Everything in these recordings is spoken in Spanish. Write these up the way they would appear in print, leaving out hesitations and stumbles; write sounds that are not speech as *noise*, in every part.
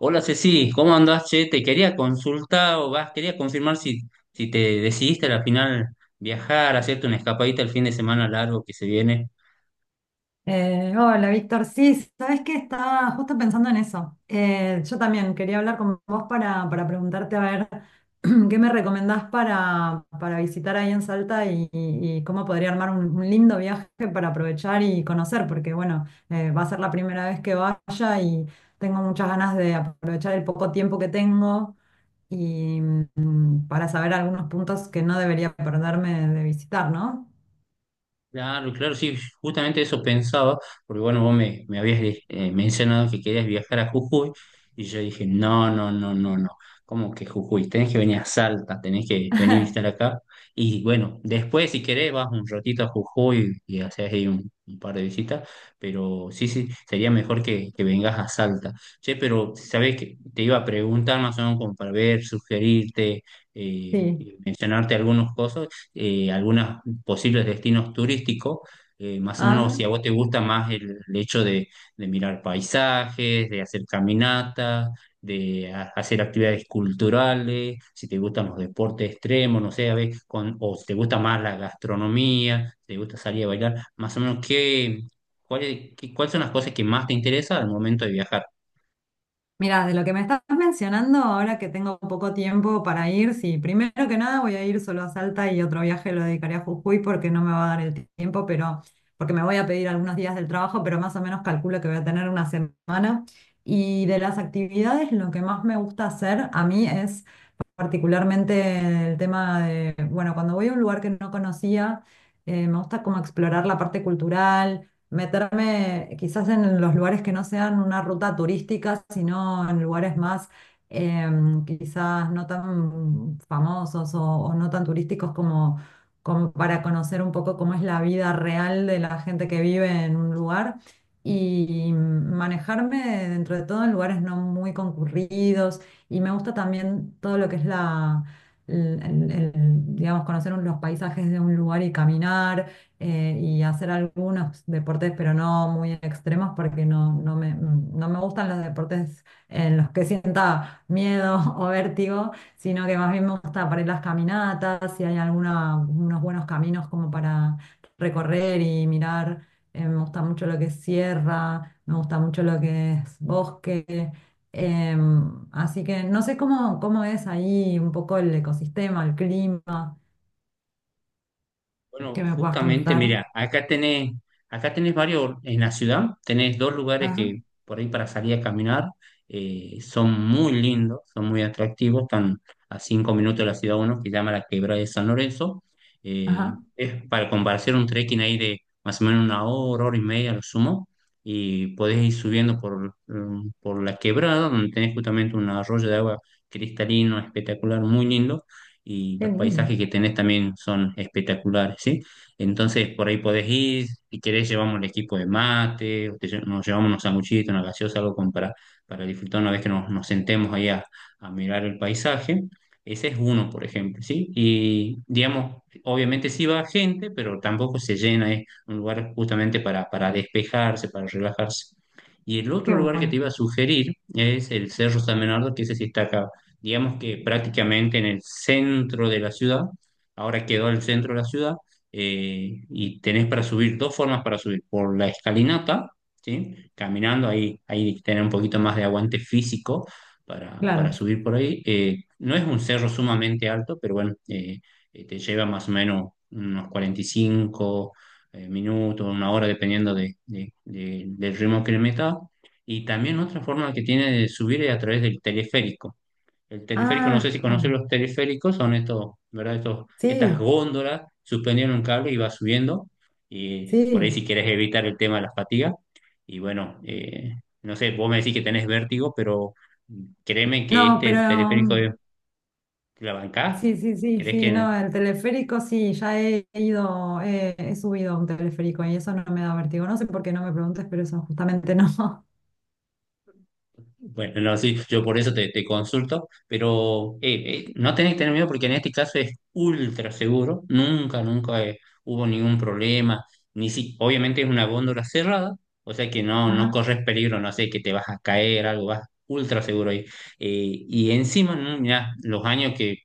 Hola Ceci, ¿cómo andás? Che, te quería consultar o vas, quería confirmar si, si te decidiste al final viajar, hacerte una escapadita el fin de semana largo que se viene. Hola, Víctor. Sí, sabes que estaba justo pensando en eso. Yo también quería hablar con vos para preguntarte a ver *clears throat* qué me recomendás para visitar ahí en Salta y cómo podría armar un lindo viaje para aprovechar y conocer, porque bueno, va a ser la primera vez que vaya y tengo muchas ganas de aprovechar el poco tiempo que tengo y para saber algunos puntos que no debería perderme de visitar, ¿no? Claro, claro, sí, justamente eso pensaba, porque bueno, vos me habías mencionado que querías viajar a Jujuy, y yo dije, no, no, no, no, no, ¿cómo que Jujuy? Tenés que venir a Salta, tenés que venir a visitar acá, y bueno, después si querés vas un ratito a Jujuy y haces ahí un par de visitas, pero sí, sí, sería mejor que vengas a Salta. Che, pero sabés que te iba a preguntar más o menos como para ver, sugerirte, Sí. y mencionarte algunas cosas, algunas posibles destinos turísticos. Más o menos, si a vos te gusta más el hecho de mirar paisajes, de hacer caminatas, de hacer actividades culturales, si te gustan los deportes extremos, no sé, a ver, con, o si te gusta más la gastronomía, si te gusta salir a bailar, más o menos, ¿qué, cuáles, cuáles son las cosas que más te interesan al momento de viajar? Mira, de lo que me estás mencionando, ahora que tengo poco tiempo para ir, sí, primero que nada voy a ir solo a Salta y otro viaje lo dedicaré a Jujuy porque no me va a dar el tiempo, pero porque me voy a pedir algunos días del trabajo, pero más o menos calculo que voy a tener una semana. Y de las actividades, lo que más me gusta hacer a mí es particularmente el tema de, bueno, cuando voy a un lugar que no conocía, me gusta como explorar la parte cultural, meterme quizás en los lugares que no sean una ruta turística, sino en lugares más eh, quizás no tan famosos o no tan turísticos como, como para conocer un poco cómo es la vida real de la gente que vive en un lugar. Y manejarme dentro de todo en lugares no muy concurridos, y me gusta también todo lo que es la, el- el- el, digamos, los paisajes de un lugar y caminar y hacer algunos deportes, pero no muy extremos, porque no, no me gustan los deportes en los que sienta miedo *laughs* o vértigo, sino que más bien me gusta para ir las caminatas, si hay alguna, unos buenos caminos como para recorrer y mirar. Me gusta mucho lo que es sierra, me gusta mucho lo que es bosque. Así que no sé cómo, cómo es ahí un poco el ecosistema, el clima, Bueno, que me puedas justamente, contar. mira, acá tenés varios, en la ciudad tenés dos lugares Ajá, que por ahí para salir a caminar son muy lindos, son muy atractivos, están a cinco minutos de la ciudad uno, que se llama la Quebrada de San Lorenzo. Ajá, Es para compartir un trekking ahí de más o menos una hora, hora y media, a lo sumo, y podés ir subiendo por, por la quebrada, donde tenés justamente un arroyo de agua cristalino, espectacular, muy lindo y qué los lindo, paisajes que tenés también son espectaculares, ¿sí? Entonces por ahí podés ir, si querés llevamos el equipo de mate, o te nos llevamos unos sanguchitos, una gaseosa, algo como para disfrutar una vez que nos sentemos ahí a mirar el paisaje. Ese es uno, por ejemplo, ¿sí? Y digamos, obviamente sí va gente, pero tampoco se llena, es un lugar justamente para despejarse, para relajarse. Y el otro qué lugar que te bueno, iba a sugerir es el Cerro San Bernardo, que ese sí está acá digamos que prácticamente en el centro de la ciudad, ahora quedó el centro de la ciudad, y tenés para subir dos formas para subir, por la escalinata, ¿sí? Caminando, ahí tenés un poquito más de aguante físico para claro. subir por ahí. No es un cerro sumamente alto, pero bueno, te lleva más o menos unos 45 minutos, una hora, dependiendo de, del ritmo que le metas. Y también otra forma que tiene de subir es a través del teleférico. El teleférico, no Ah, sé si conocen los teleféricos, son estos, ¿verdad? Estos, estas sí, góndolas suspendidas en un cable y va subiendo. Y por ahí sí. si quieres evitar el tema de la fatiga. Y bueno, no sé, vos me decís que tenés vértigo, pero créeme que No, pero este teleférico mm, te la bancás. sí, sí, sí, ¿Crees sí, que, no, no? el teleférico sí, ya he ido, he subido a un teleférico y eso no me da vértigo. No sé por qué, no me preguntes, pero eso justamente no. Bueno, no, sí, yo por eso te consulto, pero no tenés que tener miedo porque en este caso es ultra seguro, nunca, nunca, hubo ningún problema, ni si, obviamente es una góndola cerrada, o sea que *laughs* no, no Ajá, corres peligro, no sé, que te vas a caer, algo, vas ultra seguro ahí. Y encima, mirá, los años que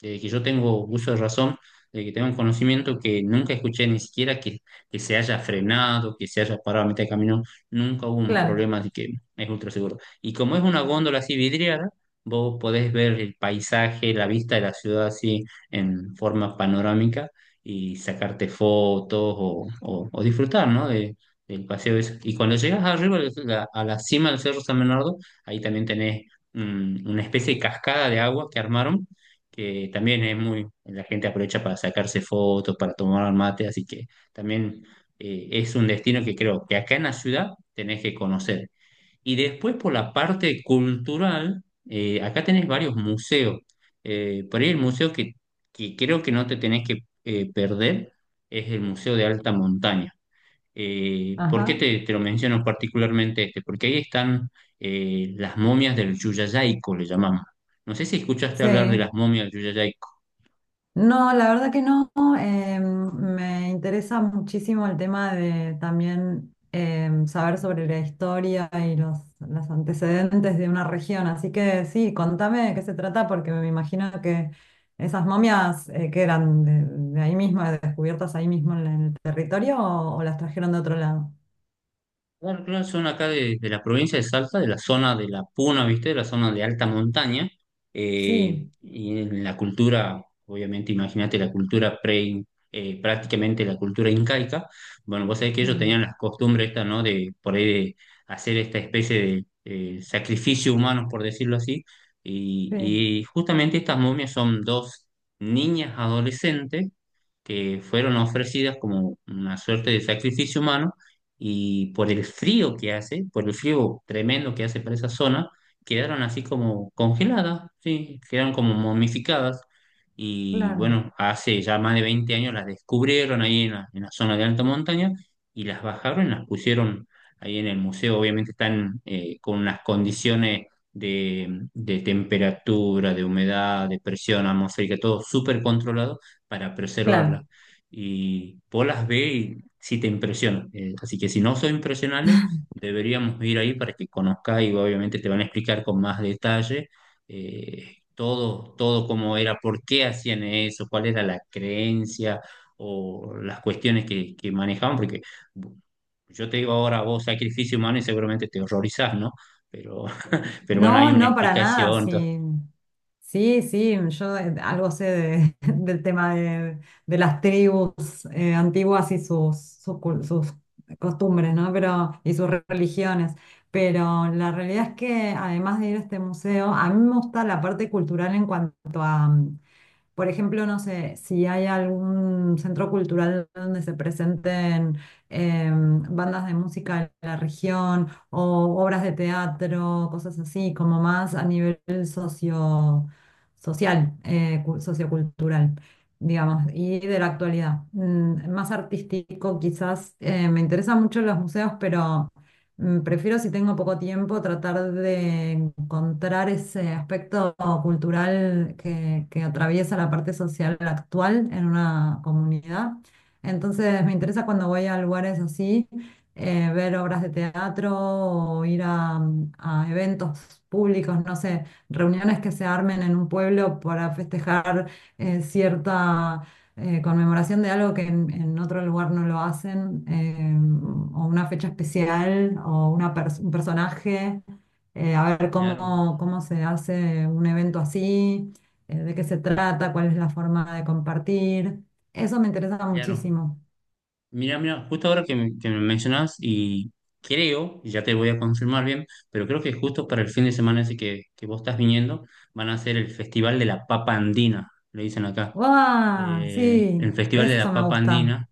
de que yo tengo uso de razón, de que tengo un conocimiento que nunca escuché ni siquiera que se haya frenado, que se haya parado a mitad de camino, nunca hubo un claro, problema de que es ultra seguro. Y como es una góndola así vidriada, vos podés ver el paisaje, la vista de la ciudad así en forma panorámica y sacarte fotos o, o disfrutar, ¿no? Del paseo ese. Y cuando llegas arriba, a la cima del Cerro San Bernardo, ahí también tenés una especie de cascada de agua que armaron que también es muy, la gente aprovecha para sacarse fotos, para tomar mate, así que también es un destino que creo que acá en la ciudad tenés que conocer. Y después por la parte cultural, acá tenés varios museos. Por ahí el museo que creo que no te tenés que perder es el Museo de Alta Montaña. ¿Por qué ajá, te lo menciono particularmente este? Porque ahí están las momias del Yuyayaico, le llamamos. No sé si escuchaste hablar de sí. las momias del Yuyayaico. No, la verdad que no. Me interesa muchísimo el tema de también saber sobre la historia y los antecedentes de una región. Así que sí, contame de qué se trata, porque me imagino que esas momias que eran de ahí mismo, descubiertas ahí mismo en el territorio, o las trajeron de otro lado. Claro, claro, son acá de la provincia de Salta, de la zona de la Puna, ¿viste? De la zona de alta montaña. Sí, Eh, y en la cultura, obviamente, imagínate la cultura prácticamente la cultura incaica. Bueno, vos sabés que ellos mm, tenían las costumbres estas, ¿no? De por ahí de hacer esta especie de sacrificio humano, por decirlo así. Y, sí, y justamente estas momias son dos niñas adolescentes que fueron ofrecidas como una suerte de sacrificio humano y por el frío que hace, por el frío tremendo que hace para esa zona, quedaron así como congeladas, sí, quedaron como momificadas y claro, bueno, hace ya más de 20 años las descubrieron ahí en la zona de alta montaña y las bajaron y las pusieron ahí en el museo, obviamente están con unas condiciones de temperatura, de humedad, de presión atmosférica, todo súper controlado para preservarlas. claro. Y vos las ve y sí te impresionan. Así que si no sos impresionable, deberíamos ir ahí para que conozcas y obviamente te van a explicar con más detalle todo, todo cómo era, por qué hacían eso, cuál era la creencia o las cuestiones que manejaban, porque yo te digo ahora vos sacrificio humano y seguramente te horrorizás, ¿no? Pero, *laughs* pero bueno, No, hay una no, para nada, explicación, entonces, sí. Sí, sí, yo algo sé *laughs* del tema de las tribus antiguas y sus costumbres, ¿no? Pero, y sus religiones. Pero la realidad es que además de ir a este museo, a mí me gusta la parte cultural en cuanto a, por ejemplo, no sé, si hay algún centro cultural donde se presenten bandas de música de la región o obras de teatro, cosas así, como más a nivel socio, social, sociocultural, digamos, y de la actualidad. Más artístico, quizás me interesan mucho los museos, pero prefiero si tengo poco tiempo tratar de encontrar ese aspecto cultural que atraviesa la parte social actual en una comunidad. Entonces me interesa cuando voy a lugares así, ver obras de teatro o ir a eventos públicos, no sé, reuniones que se armen en un pueblo para festejar cierta conmemoración de algo que en otro lugar no lo hacen, o una fecha especial, o una un personaje, a ver claro, cómo, cómo se hace un evento así, de qué se trata, cuál es la forma de compartir. Eso me interesa claro. muchísimo. Mira, mira, justo ahora que me mencionas y creo, y ya te voy a confirmar bien, pero creo que justo para el fin de semana ese que vos estás viniendo, van a hacer el Festival de la Papa Andina, le dicen acá. ¡Guau! Sí, El Festival de la eso me Papa gusta. Andina,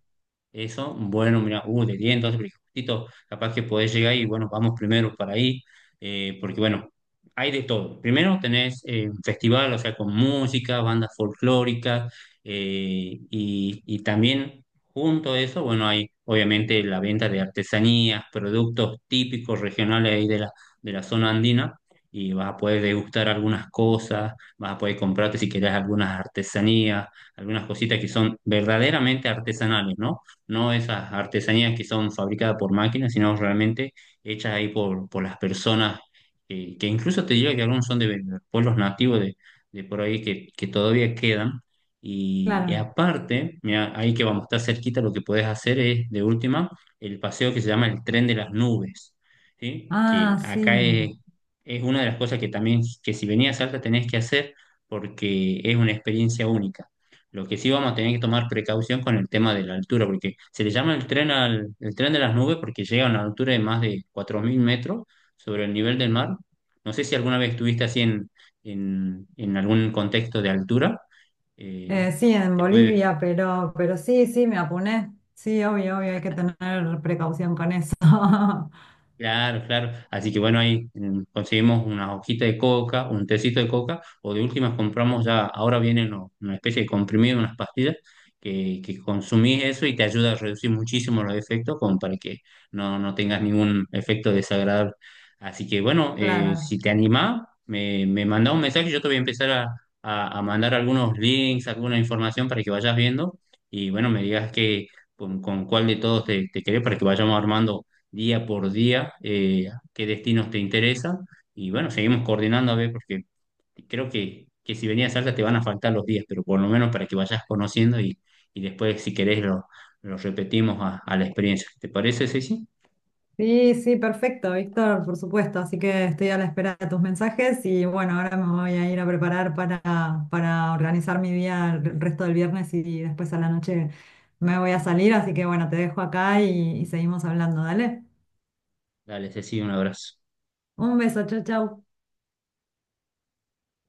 eso, bueno, mira, de 10, entonces, porque justito, capaz que podés llegar y bueno, vamos primero para ahí, porque bueno, hay de todo. Primero tenés un festival, o sea, con música, bandas folclóricas, y también junto a eso, bueno, hay obviamente la venta de artesanías, productos típicos regionales ahí de la zona andina, y vas a poder degustar algunas cosas, vas a poder comprarte si querés algunas artesanías, algunas cositas que son verdaderamente artesanales, ¿no? No esas artesanías que son fabricadas por máquinas, sino realmente hechas ahí por las personas, que incluso te diría que algunos son de pueblos nativos de por ahí que todavía quedan. Y Claro. aparte, mira, ahí que vamos, está cerquita, lo que puedes hacer es, de última, el paseo que se llama el Tren de las Nubes, ¿sí? Que Ah, acá sí. Es una de las cosas que también, que si venías a Salta tenés que hacer porque es una experiencia única. Lo que sí vamos a tener que tomar precaución con el tema de la altura, porque se le llama el tren al, el tren de las nubes porque llega a una altura de más de 4000 metros sobre el nivel del mar. No sé si alguna vez estuviste así en, en algún contexto de altura. eh, Sí, en te puede, Bolivia, pero sí, sí, me apuné. Sí, obvio, obvio, hay que tener precaución con eso. *laughs* Claro, claro. Así que bueno, ahí conseguimos una hojita de coca, un tecito de coca, o de últimas compramos ya, ahora vienen una especie de comprimido, unas pastillas, que consumís eso y te ayuda a reducir muchísimo los efectos, como para que no, no tengas ningún efecto desagradable. Así que bueno, Claro. si te animás, me mandá un mensaje, yo te voy a empezar a, a mandar algunos links, alguna información para que vayas viendo, y bueno, me digas que con cuál de todos te querés para que vayamos armando día por día qué destinos te interesan. Y bueno, seguimos coordinando a ver, porque creo que si venías a Salta te van a faltar los días, pero por lo menos para que vayas conociendo y después, si querés, lo repetimos a la experiencia. ¿Te parece, Ceci? Sí, sí, perfecto, Víctor, por supuesto. Así que estoy a la espera de tus mensajes y bueno, ahora me voy a ir a preparar para organizar mi día el resto del viernes y después a la noche me voy a salir. Así que bueno, te dejo acá y seguimos hablando, dale. Dale, Ceci, un abrazo. Un beso, chau, chau.